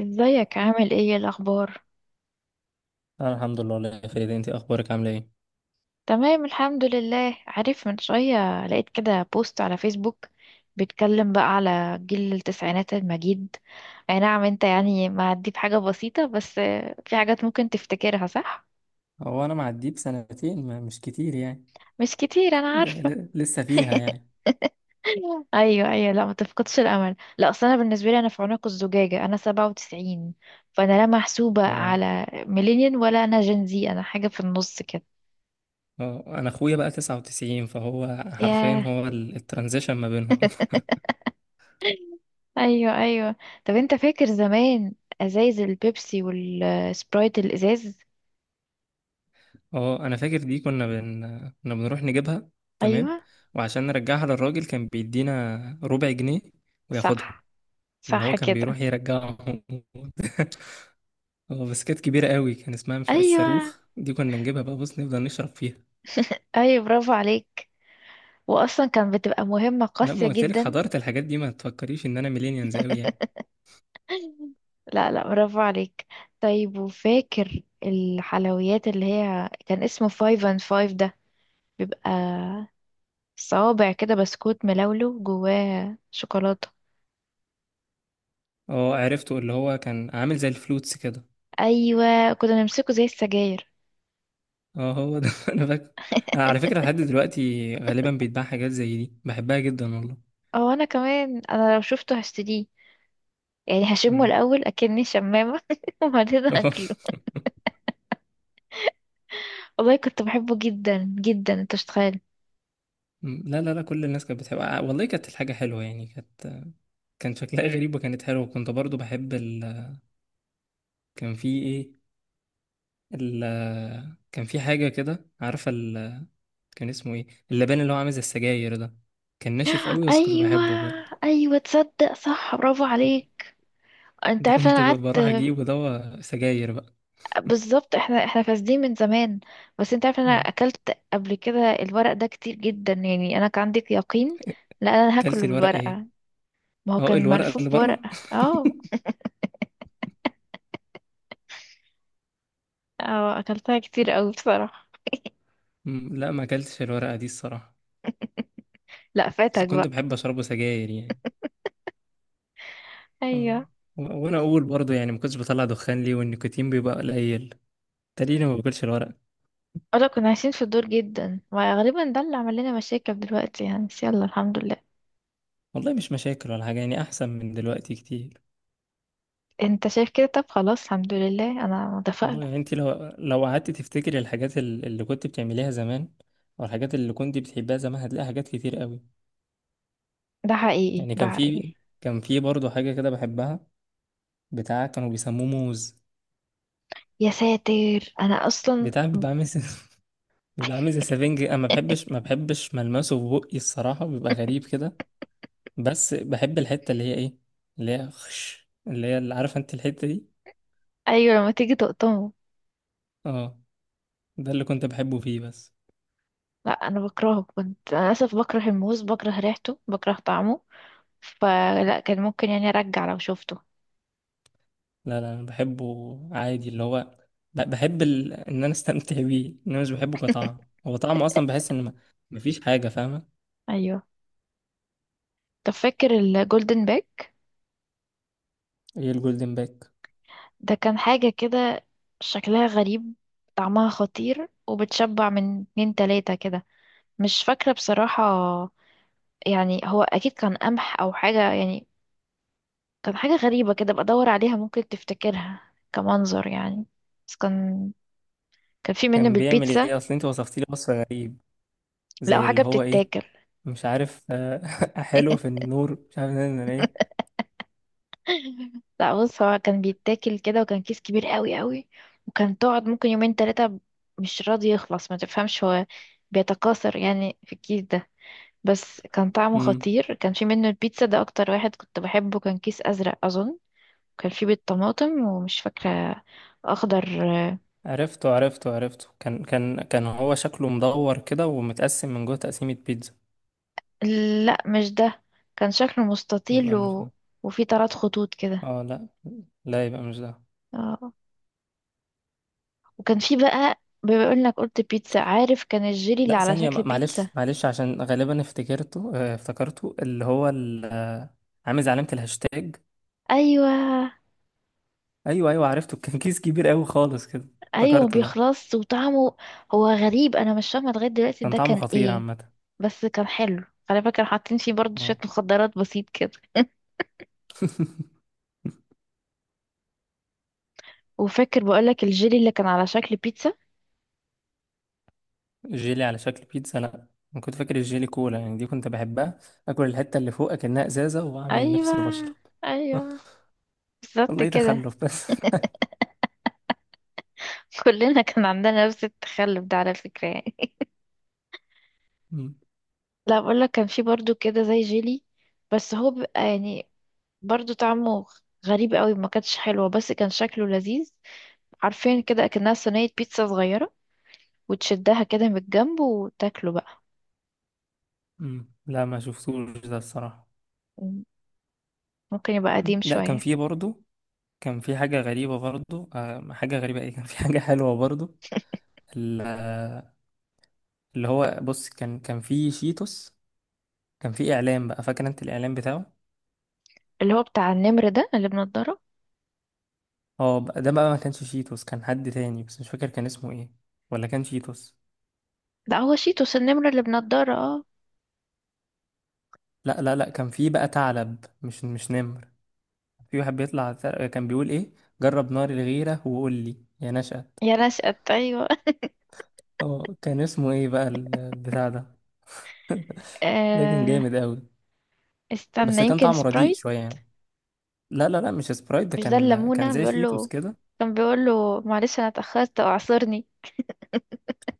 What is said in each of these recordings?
ازيك؟ عامل ايه؟ إيه الاخبار؟ أنا الحمد لله، والله يا فريدة، أنت أخبارك عاملة إيه؟ تمام الحمد لله. عارف، من شوية لقيت كده بوست على فيسبوك بيتكلم بقى على جيل التسعينات المجيد. اي نعم، انت يعني معدي بحاجة بسيطة بس في حاجات ممكن تفتكرها. صح، هو انا معديه بسنتين، ما مش كتير يعني. مش كتير انا عارفة. لسه فيها يعني. ايوه ايوه، لا ما تفقدش الامل. لا اصل انا بالنسبه لي، انا في عنق الزجاجه 97، فانا لا محسوبه أه. على ميلينيال ولا انا جنزي، انا حاجه في النص كده. أه، أنا أخويا بقى 99، فهو حرفيا ياه. هو الترانزيشن ما بينهم. ايوه ايوه. طب انت فاكر زمان ازايز البيبسي والسبرايت الازاز؟ أه أنا فاكر دي، كنا بنروح نجيبها. تمام. ايوه. وعشان نرجعها للراجل كان بيدينا ربع جنيه وياخدها، صح، إن هو صح كان كده. بيروح يرجعهم. هو بس كانت كبيرة قوي، كان اسمها مش عارف، ايوه الصاروخ دي كنا نجيبها بقى، بص نفضل نشرب فيها. ايوه، برافو عليك. واصلا كان بتبقى مهمة لا، ما قاسية قلت لك جدا. حضرت الحاجات دي، ما تفكريش ان انا ميلينيانز قوي يعني. لا لا، برافو عليك. طيب، وفاكر الحلويات اللي هي كان اسمه فايف اند فايف ده؟ بيبقى صوابع كده بسكوت ملولو جواه شوكولاتة. اه عرفته، اللي هو كان عامل زي الفلوتس كده. ايوه، كنا نمسكه زي السجاير. اه هو ده. انا فاكر. أنا على فكرة لحد دلوقتي غالبا بيتباع حاجات زي دي، بحبها جدا والله. او انا كمان، انا لو شفته هشتريه. يعني هشمه مم. الاول اكني شمامه، وبعدين هاكله. والله كنت بحبه جدا جدا، انت مش تخيل. مم. لا لا لا، كل الناس كانت بتحبها، آه، والله كانت الحاجة حلوة يعني، كانت، كان شكلها غريب وكانت حلوة، وكنت برضو بحب كان في ايه ال... كان في حاجة كده، عارفة كان اسمه ايه، اللبان اللي هو عامل زي السجاير ده، كان ناشف قوي بس كنت ايوه بحبه برضه. ايوه، تصدق؟ صح، برافو عليك. انت ده عارف كنت انا قعدت؟ بروح اجيب ودوا سجاير بقى. بالظبط، احنا فاسدين من زمان. بس انت عارف، انا مم. اكلت قبل كده الورق ده كتير جدا. يعني انا كان عندي يقين لا، انا اكلت هاكله الورقة ايه؟ بالورقه. ما هو اه كان الورقة ملفوف اللي بره. بورقه، اه. اه، اكلتها كتير قوي بصراحه. مم، لا ما اكلتش الورقة دي الصراحة. لا بس فاتك كنت بقى. بحب اشربه سجاير يعني. آه. ايوه. وانا اقول برضه يعني، ما كنتش بطلع دخان ليه، والنيكوتين بيبقى قليل، تقريبا ما باكلش الورقة. اه لا، كنا عايشين في الدور جدا، وغالبا ده اللي عمل لنا مشاكل دلوقتي يعني، بس يلا الحمد لله. والله مش مشاكل ولا حاجة يعني، احسن من دلوقتي كتير. انت شايف كده؟ طب خلاص، الحمد لله، انا اه متفائلة. يعني انت لو قعدت تفتكري الحاجات اللي كنت بتعمليها زمان، او الحاجات اللي كنت بتحبها زمان، هتلاقي حاجات كتير قوي. ده حقيقي، يعني ده كان حقيقي. في، برضه حاجة كده بحبها، بتاع كانوا بيسموه موز. يا ساتر، انا اصلا. بتاع بيبقى عامل زي- بيبقى عامل زي سفنج، انا ما بحبش ما بحبش ملمسه في بقي الصراحه، بيبقى غريب كده. بس بحب الحته اللي هي ايه، اللي هي خش، اللي هي اللي عارفه انت الحته دي. ايوه، لما تيجي تقطمه. اه ده اللي كنت بحبه فيه بس. لا انا بكرهه، كنت انا للاسف بكره الموز، بكره ريحته، بكره طعمه. فلا كان ممكن يعني ارجع لو شفته. لا لا، انا بحبه عادي، اللي هو بحب ان انا استمتع بيه، ان انا مش بحبه كطعم، هو طعمه اصلا بحس ان ما... مفيش حاجه فاهمه. ايوه. طب فاكر الجولدن باك؟ ايه الجولدن باك؟ ده كان حاجة كده شكلها غريب، طعمها خطير، وبتشبع من اتنين تلاتة كده. مش فاكرة بصراحة. يعني هو أكيد كان قمح أو حاجة يعني. كان حاجة غريبة كده، بدور عليها ممكن تفتكرها كمنظر يعني. بس كان، كان في منه كان بيعمل بالبيتزا. ايه؟ اصل انت وصفتي لي وصف غريب، لا زي اللي حاجة هو ايه. بتتاكل. مش عارف، آه، حلو في النور، مش عارف ايه. لا بص، هو كان بيتاكل كده، وكان كيس كبير قوي قوي. وكان تقعد ممكن يومين تلاتة مش راضي يخلص، ما تفهمش هو بيتكاثر يعني في الكيس ده. بس كان طعمه امم خطير. كان في منه البيتزا ده، أكتر واحد كنت بحبه. كان كيس أزرق أظن. كان في بيض، طماطم، ومش فاكرة، أخضر. عرفته عرفته عرفته، كان كان كان هو شكله مدور كده ومتقسم من جوه تقسيمة بيتزا. لا مش ده، كان شكله مستطيل يبقى مش و... ده. وفي طرات خطوط كده. اه لا لا، يبقى مش ده. اه. وكان في بقى، بما انك قلت بيتزا، عارف كان الجيلي اللي لا على ثانية، شكل بيتزا. معلش معلش، عشان غالبا افتكرته، افتكرته اللي هو عامل زي علامة الهاشتاج. ايوه ايوه ايوه عرفته، كان كيس كبير قوي خالص كده، ايوه، افتكرته ده. بيخلص وطعمه، هو غريب انا مش فاهمه لغايه دلوقتي كان ده طعمه كان خطير ايه. عامة. بس كان حلو. على فكره حاطين فيه برضه شويه اه. مخدرات بسيط كده. وفاكر بقولك الجيلي اللي كان على شكل بيتزا. جيلي على شكل بيتزا؟ لا، انا كنت فاكر الجيلي كولا يعني، دي كنت بحبها. اكل الحتة اللي فوق اكنها ازازة واعمل ايوه نفسي بشرب. ايوه، بالظبط والله كده. تخلف بس. كلنا كان عندنا نفس التخلف ده على فكرة يعني. م- لا بقول لك، كان في برضو كده زي جيلي، بس هو بيبقى يعني برضو طعمه غريب قوي، ما كانتش حلوة بس كان شكله لذيذ. عارفين كده اكنها صينية بيتزا صغيرة، وتشدها كده من الجنب وتاكله بقى. م. لا ما شفتوش ده الصراحة. مم. ممكن يبقى م. قديم لا كان شوية. في برضه، كان في حاجة غريبة برضه، حاجة غريبة ايه، كان في حاجة حلوة برضه، ال- آه، اللي هو بص كان في شيتوس. كان في اعلان بقى، فاكر انت الاعلان بتاعه؟ اللي هو بتاع النمر ده اللي بنضارة. ده بقى ما كانش شيتوس، كان حد تاني بس مش فاكر كان اسمه ايه، ولا كان شيتوس. لا، هو شيتوس، النمر اللي بنضارة، اه. لا لا لا كان في بقى ثعلب، مش نمر. في واحد بيطلع كان بيقول ايه، جرب نار الغيرة وقول لي يا نشأة. يا نشأت، ايوه. اه كان اسمه ايه بقى البتاع ده. ده كان آه. جامد قوي. استنى، بس كان يمكن طعمه رديء سبرايت. شويه يعني. لا لا لا مش سبرايت ده، مش ده كان الليمونة زي بيقول شيتوس له؟ كده. كان بيقول له معلش انا اتأخرت اعذرني.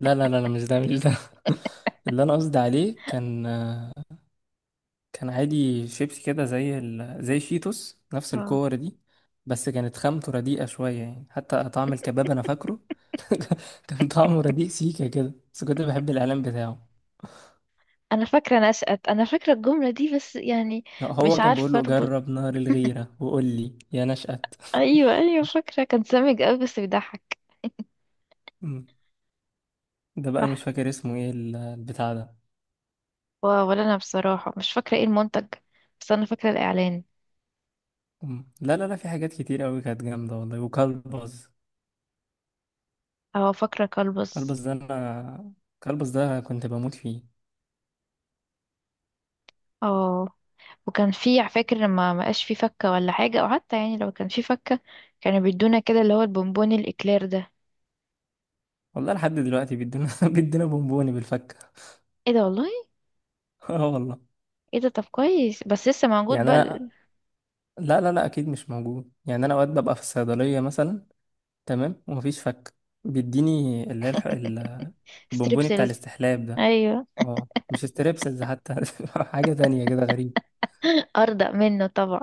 لا لا لا لا مش ده مش ده. اللي انا قصدي عليه كان عادي شيبسي كده زي زي شيتوس نفس اه. الكور دي. بس كانت خامته رديئه شويه يعني، حتى طعم الكباب انا فاكره. كان طعمه رديء سيكا كده، بس كنت بحب الاعلان بتاعه. انا فاكرة نشأت، انا فاكرة الجملة دي بس يعني مش هو كان بيقول عارفة له اربط. جرب نار الغيره وقول لي يا نشأت. ايوه ايوه، فاكرة، كان سامج قوي بس بيضحك. ده بقى مش صح. فاكر اسمه ايه البتاع ده. ولا انا بصراحة مش فاكرة ايه المنتج، بس انا فاكرة الاعلان. مم. لا لا لا، في حاجات كتير قوي كانت جامدة والله، وكلبز. اه فاكرة كلبز كلبس. ده انا، كلبز ده كنت بموت فيه. اه. وكان في، فاكر لما ما بقاش في فكة ولا حاجة، او حتى يعني لو كان في فكة، كانوا بيدونا كده اللي هو البونبوني الاكلير ده. والله لحد دلوقتي بيدونا بيدونا بونبوني بالفكة. ايه ده والله. اه والله. ايه ده؟ طب كويس، بس لسه موجود يعني بقى؟ انا، لا لا لا اكيد مش موجود، يعني انا اوقات ببقى في الصيدلية مثلا، تمام، ومفيش فك، بيديني اللي هي البونبوني بتاع ستريبسلز. الاستحلاب ده. ايوه. اه مش ستريبسلز حتى، حاجة تانية كده غريب. ارضى منه طبعا.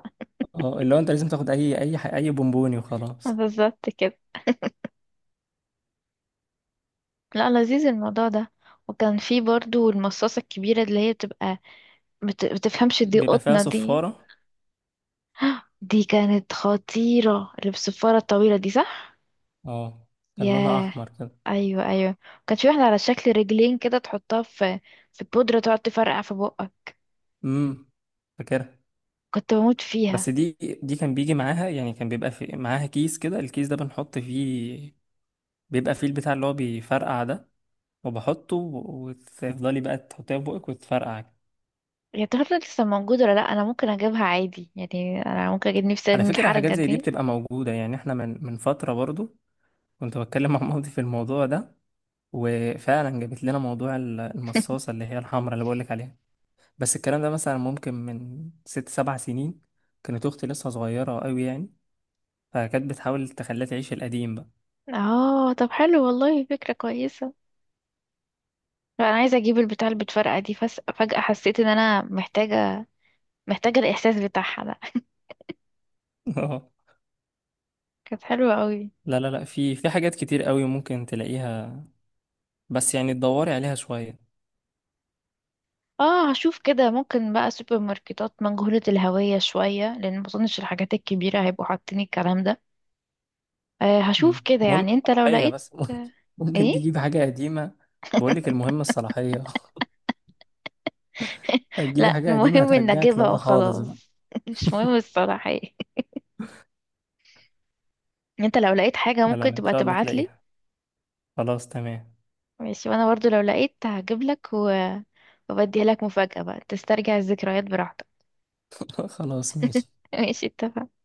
اه اللي هو انت لازم تاخد اي بونبوني وخلاص. بالظبط كده. لا، لذيذ الموضوع ده. وكان في برضو المصاصة الكبيرة اللي هي بتبقى، بتفهمش دي بيبقى فيها قطنة دي. صفارة. دي كانت خطيرة، اللي بالصفارة الطويلة دي، صح؟ اه كان لونها ياه. أحمر كده. ايوه ايوه. كان في واحدة على شكل رجلين كده، تحطها في في بودرة، تقعد تفرقع في بقك. امم فاكرها. كنت بموت بس فيها. دي كان بيجي معاها يعني، كان بيبقى في معاها كيس كده، الكيس ده بنحط فيه بيبقى فيه البتاع اللي هو بيفرقع ده، وتفضلي بقى تحطيها في بقك وتفرقع. يا ترى لسه موجودة ولا لا؟ انا ممكن اجيبها عادي يعني، انا ممكن اجيب نفسي على من فكرة حاجات الحركة زي دي دي. بتبقى موجودة، يعني احنا من فترة برضو كنت بتكلم مع مامتي في الموضوع ده، وفعلا جابت لنا موضوع المصاصة اللي هي الحمراء اللي بقولك عليها. بس الكلام ده مثلا ممكن من 6-7 سنين، كانت أختي لسه صغيرة أوي يعني، فكانت بتحاول تخليها تعيش القديم بقى. اه، طب حلو والله، فكرة كويسة. لا انا عايزه اجيب البتاع اللي بتفرقع دي، فجاه حسيت ان انا محتاجه، محتاجه الاحساس بتاعها ده. اه كانت حلوه قوي. لا لا لا، في حاجات كتير قوي ممكن تلاقيها، بس يعني تدوري عليها شوية. اه هشوف كده، ممكن بقى سوبر ماركتات مجهوله الهويه شويه، لان ما اظنش الحاجات الكبيره هيبقوا حاطين الكلام ده. آه هشوف كده المهم يعني، انت لو الصلاحية لقيت. بس. ممكن ايه؟ تجيب حاجة قديمة. بقولك المهم الصلاحية. هتجيبي لا، حاجة قديمة المهم ان هترجعك اجيبها لورا خالص بقى. وخلاص، مش مهم الصراحه ايه. انت لو لقيت حاجه لا لا ممكن لا، إن تبقى شاء الله تبعتلي. تلاقيها. خلاص تمام. ماشي، وانا برضو لو لقيت هجيب لك و... وبديها لك مفاجاه بقى، تسترجع الذكريات براحتك. خلاص ماشي. ماشي، اتفقنا.